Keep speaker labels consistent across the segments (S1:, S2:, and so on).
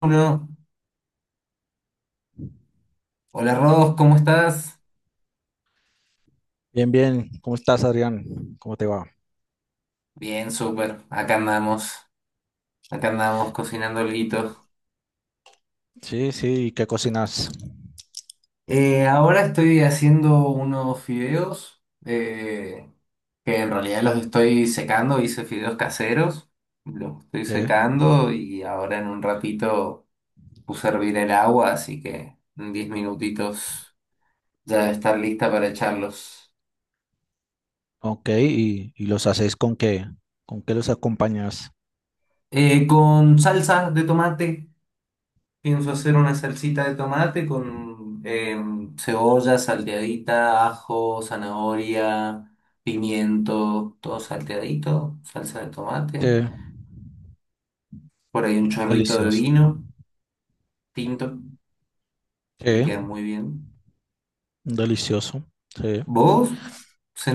S1: Pablo. Hola Rodos, ¿cómo estás?
S2: Bien, bien. ¿Cómo estás, Adrián? ¿Cómo te va?
S1: Bien, súper. Acá andamos cocinando alguito.
S2: Sí, sí. ¿Y qué cocinas?
S1: Ahora estoy haciendo unos fideos eh, que en realidad los estoy secando. Hice fideos caseros, los estoy
S2: ¿Qué?
S1: secando y ahora en un ratito puse a hervir el agua, así que en 10 minutitos ya debe estar lista para echarlos.
S2: Ok, ¿y los haces con qué? ¿Con qué los acompañas?
S1: Con salsa de tomate. Pienso hacer una salsita de tomate con cebolla salteadita, ajo, zanahoria, pimiento, todo salteadito, salsa de
S2: Sí,
S1: tomate. Por ahí un chorrito de
S2: delicioso.
S1: vino tinto, le
S2: Sí,
S1: queda muy bien.
S2: delicioso. Sí.
S1: ¿Vos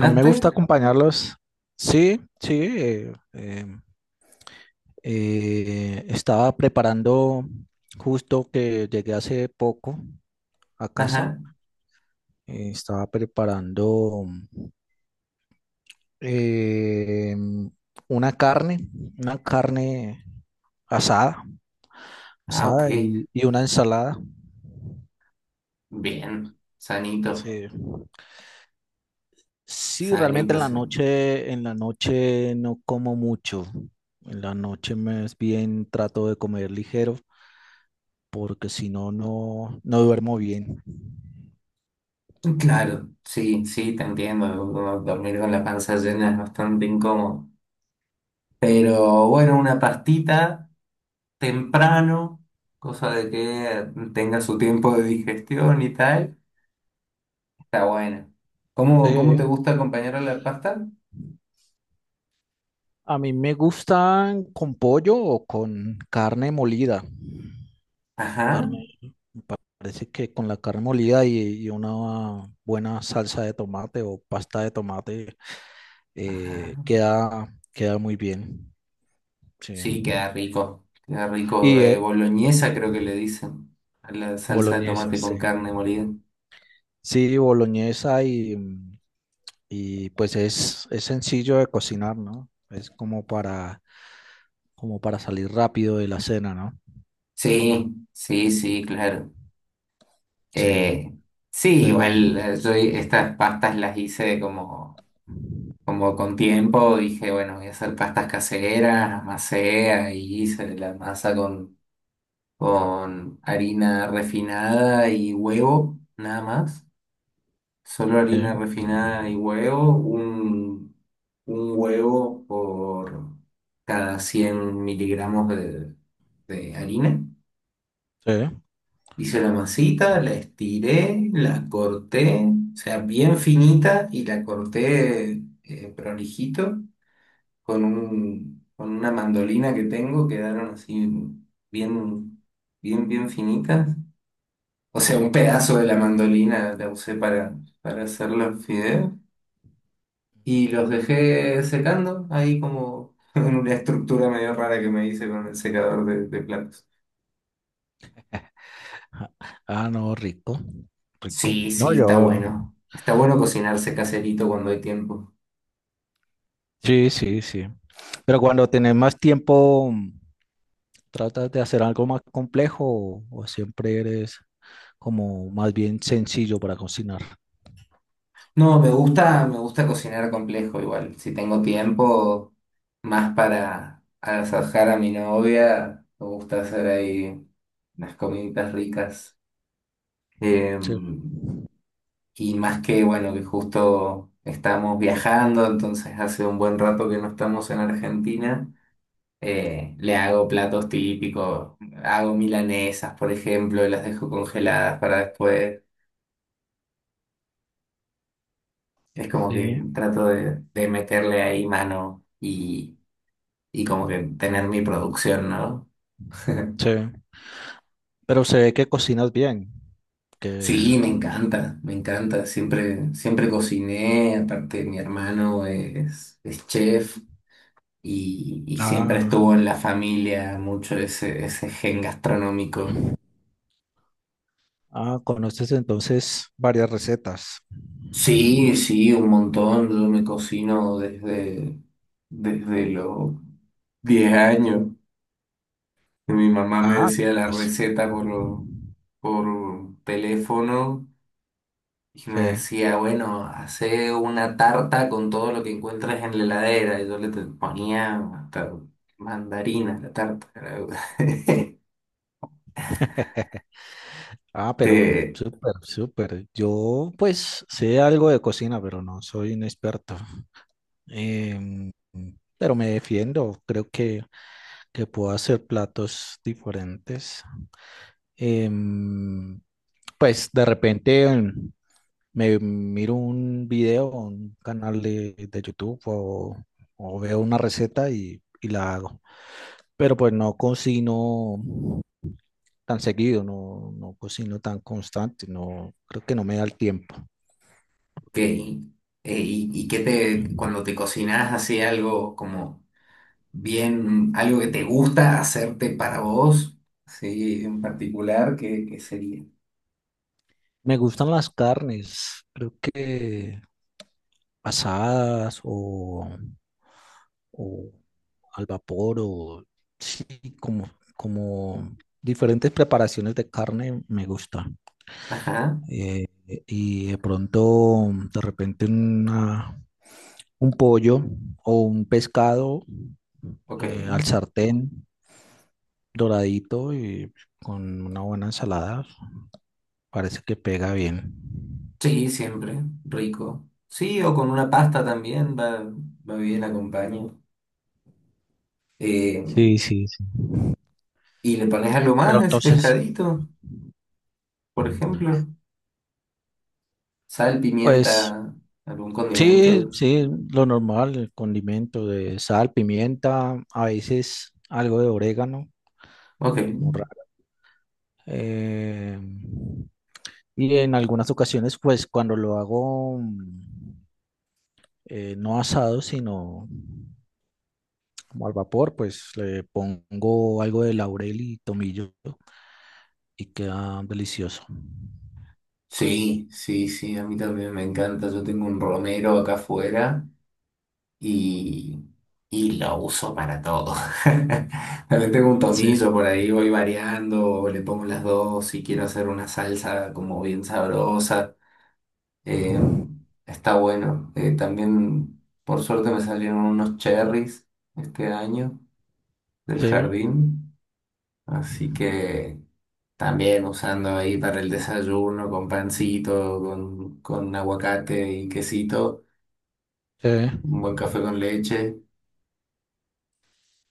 S2: A mí me gusta acompañarlos. Sí, sí. Estaba preparando justo que llegué hace poco a casa.
S1: Ajá.
S2: Estaba preparando. eh, una carne, una carne asada,
S1: Ah, ok.
S2: asada y una ensalada.
S1: Bien. Sanito,
S2: Sí. Sí, realmente
S1: sanito, sanito.
S2: en la noche no como mucho. En la noche más bien trato de comer ligero porque si no, no, no duermo bien.
S1: Claro, sí, sí, te entiendo. Uno dormir con la panza llena es bastante incómodo. Pero bueno, una pastita temprano, cosa de que tenga su tiempo de digestión y tal, está buena. ¿Cómo, cómo te
S2: Sí.
S1: gusta acompañar a la pasta?
S2: A mí me gustan con pollo o con carne molida.
S1: Ajá,
S2: Carne parece que con la carne molida y una buena salsa de tomate o pasta de tomate
S1: ajá.
S2: queda, queda muy bien. Sí.
S1: Sí, queda rico. Queda rico.
S2: Y eh,
S1: Boloñesa creo que le dicen. A la salsa de
S2: boloñesa,
S1: tomate
S2: sí.
S1: con carne molida.
S2: Sí, boloñesa y, y pues es sencillo de cocinar, ¿no? Como para salir rápido de la cena, ¿no?
S1: Sí, sí, sí, claro.
S2: Sí,
S1: Eh, sí,
S2: pero
S1: igual yo estas pastas las hice como, como con tiempo. Dije, bueno, voy a hacer pastas caseras, amasé y hice la masa con harina refinada y huevo, nada más. Solo harina
S2: sí,
S1: refinada y huevo, un huevo por cada 100 miligramos de harina.
S2: sí.
S1: Hice la masita, la estiré, la corté, o sea, bien finita y la corté prolijito con con una mandolina que tengo, quedaron así bien, bien, bien finitas. O sea, un pedazo de la mandolina la usé para hacer los fideos y los dejé secando ahí como en una estructura medio rara que me hice con el secador de platos.
S2: Ah, ah, no, rico, rico.
S1: Sí,
S2: No,
S1: sí, está
S2: yo.
S1: bueno. Está bueno cocinarse caserito cuando hay tiempo.
S2: Sí, sí, sí. Pero cuando tenés más tiempo, ¿tratas de hacer algo más complejo o siempre eres como más bien sencillo para cocinar?
S1: No, me gusta cocinar complejo igual. Si tengo tiempo, más para agasajar a mi novia, me gusta hacer ahí unas comiditas ricas.
S2: Sí.
S1: Em, Y más que, bueno, que justo estamos viajando, entonces hace un buen rato que no estamos en Argentina, le hago platos típicos, hago milanesas, por ejemplo, y las dejo congeladas para después. Es como que
S2: Sí,
S1: trato de meterle ahí mano y como que tener mi producción, ¿no?
S2: sí. Pero se ve que cocinas bien, que...
S1: Sí, me encanta, siempre, siempre cociné, aparte mi hermano es chef, y siempre
S2: Ah,
S1: estuvo en la familia mucho ese gen gastronómico.
S2: ah, conoces entonces varias recetas.
S1: Sí, sí, un montón. Yo me cocino desde, desde los 10 años. Mi mamá me
S2: Ah,
S1: decía la
S2: pues
S1: receta por teléfono y
S2: sí.
S1: me decía, bueno, hace una tarta con todo lo que encuentres en la heladera. Y yo ponía hasta mandarina a la tarta.
S2: Ah, pero
S1: Eh,
S2: súper, súper. Yo pues sé algo de cocina, pero no soy un experto. Em, pero me defiendo, creo que puedo hacer platos diferentes. Em, pues de repente me miro un video, un canal de YouTube o veo una receta y la hago. Pero pues no cocino tan seguido, no, no cocino tan constante, no, creo que no me da el tiempo.
S1: ok. Y qué te, cuando te cocinas así algo como bien, algo que te gusta hacerte para vos, sí, en particular, qué, qué sería?
S2: Me gustan las carnes, creo que asadas o al vapor o sí, como, como diferentes preparaciones de carne me gusta.
S1: Ajá,
S2: Eh, y de pronto, de repente, una- un pollo o un pescado
S1: ok.
S2: al sartén doradito y con una buena ensalada, parece que pega bien.
S1: Sí, siempre, rico. Sí, o con una pasta también, va, va bien, acompaño. Eh,
S2: Sí, sí, sí.
S1: y le pones algo más
S2: Pero
S1: a ese
S2: entonces,
S1: pescadito, por ejemplo, sal,
S2: pues
S1: pimienta, algún
S2: sí,
S1: condimento.
S2: sí, lo normal, el condimento de sal, pimienta, a veces algo de orégano,
S1: Ok,
S2: como raro. Eh, y en algunas ocasiones, pues cuando lo hago mm, no asado, sino como al vapor, pues le pongo algo de laurel y tomillo y queda delicioso.
S1: sí, sí, sí, a mí también me encanta. Yo tengo un romero acá afuera y, y lo uso para todo. También tengo un
S2: Sí.
S1: tomillo por ahí, voy variando, le pongo las dos si quiero hacer una salsa como bien sabrosa. Eh, está bueno. También, por suerte, me salieron unos cherries este año del
S2: Sí,
S1: jardín, así que... También usando ahí para el desayuno con pancito, con aguacate y quesito,
S2: sí.
S1: un buen café con leche.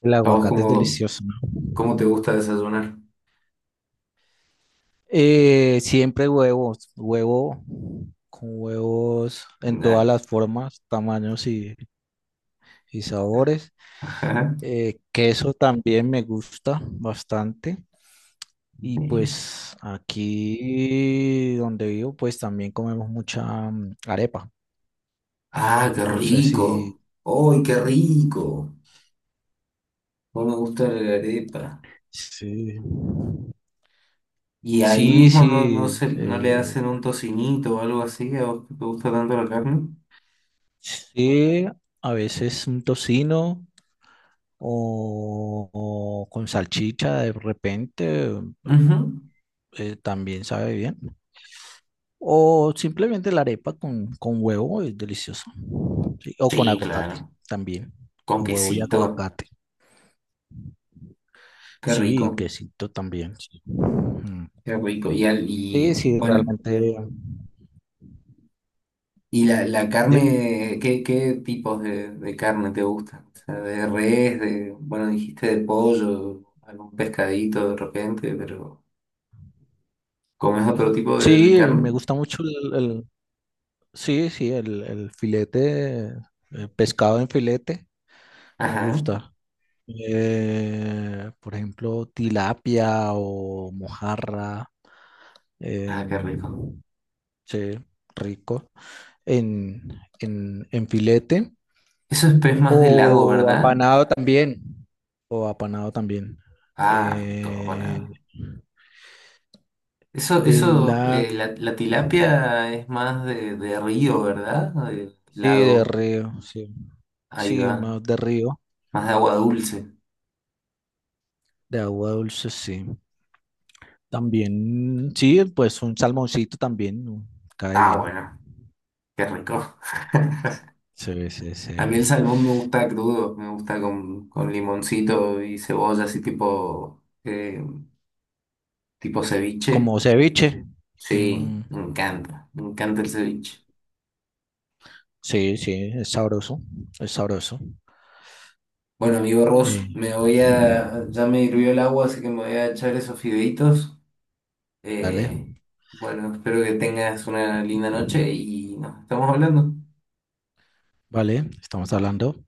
S2: El
S1: ¿A vos
S2: aguacate es
S1: cómo,
S2: delicioso.
S1: cómo te gusta desayunar?
S2: Siempre huevos, huevo con huevos en todas
S1: Nah.
S2: las formas, tamaños y sabores.
S1: Ajá.
S2: Queso también me gusta bastante. Y
S1: Sí.
S2: pues aquí donde vivo, pues también comemos mucha mm, arepa.
S1: Ah, qué
S2: No sé si...
S1: rico. ¡Ay, qué rico! No me gusta la arepa.
S2: Sí,
S1: ¿Y ahí
S2: sí,
S1: mismo no, no,
S2: sí.
S1: se, no le hacen un tocinito o algo así? ¿A vos que te gusta tanto la carne?
S2: Sí, a veces un tocino o con salchicha de repente.
S1: Ujú.
S2: También sabe bien. O simplemente la arepa con huevo es deliciosa. Sí, o con
S1: Sí,
S2: aguacate
S1: claro.
S2: también.
S1: Con
S2: Con huevo y
S1: quesito.
S2: aguacate.
S1: Qué
S2: Sí, y
S1: rico.
S2: quesito también. Sí. Mm,
S1: Qué rico. Y, al- y
S2: sí, sí,
S1: bueno.
S2: realmente.
S1: ¿Y la
S2: Dime.
S1: carne, qué, qué tipos de carne te gustan? O sea, de res, de, bueno, dijiste de pollo, algún pescadito de repente, pero ¿comes otro tipo de
S2: Sí, me
S1: carne?
S2: gusta mucho el- sí, sí, el filete, el pescado en filete, me
S1: Ajá.
S2: gusta. Por ejemplo, tilapia o mojarra.
S1: Ah, qué rico.
S2: em, Sí, rico. En, en filete
S1: Eso es pez más de lago,
S2: o
S1: ¿verdad?
S2: apanado también. O apanado también.
S1: Ah, no, todo
S2: Eh,
S1: bueno. Eso,
S2: de
S1: eso,
S2: la...
S1: la, la tilapia es más de río, ¿verdad? De
S2: Sí, de
S1: lago.
S2: río, sí.
S1: Ahí
S2: Sí,
S1: va.
S2: más de río,
S1: Más de agua dulce.
S2: de agua dulce, sí. También, sí, pues un salmoncito también ¿no? Cae
S1: Ah,
S2: bien.
S1: bueno, qué rico.
S2: Sí, sí, sí.
S1: A mí el salmón me gusta crudo, me gusta con limoncito y cebolla, así tipo, tipo ceviche.
S2: Como ceviche.
S1: Sí,
S2: Mm,
S1: me encanta el ceviche.
S2: sí, sí, es sabroso, es sabroso.
S1: Bueno, amigo Ross,
S2: Eh,
S1: me voy a, ya me hirvió el agua, así que me voy a echar esos fideitos.
S2: dale.
S1: Eh, bueno, espero que tengas una linda noche y nos estamos hablando.
S2: Vale, estamos hablando.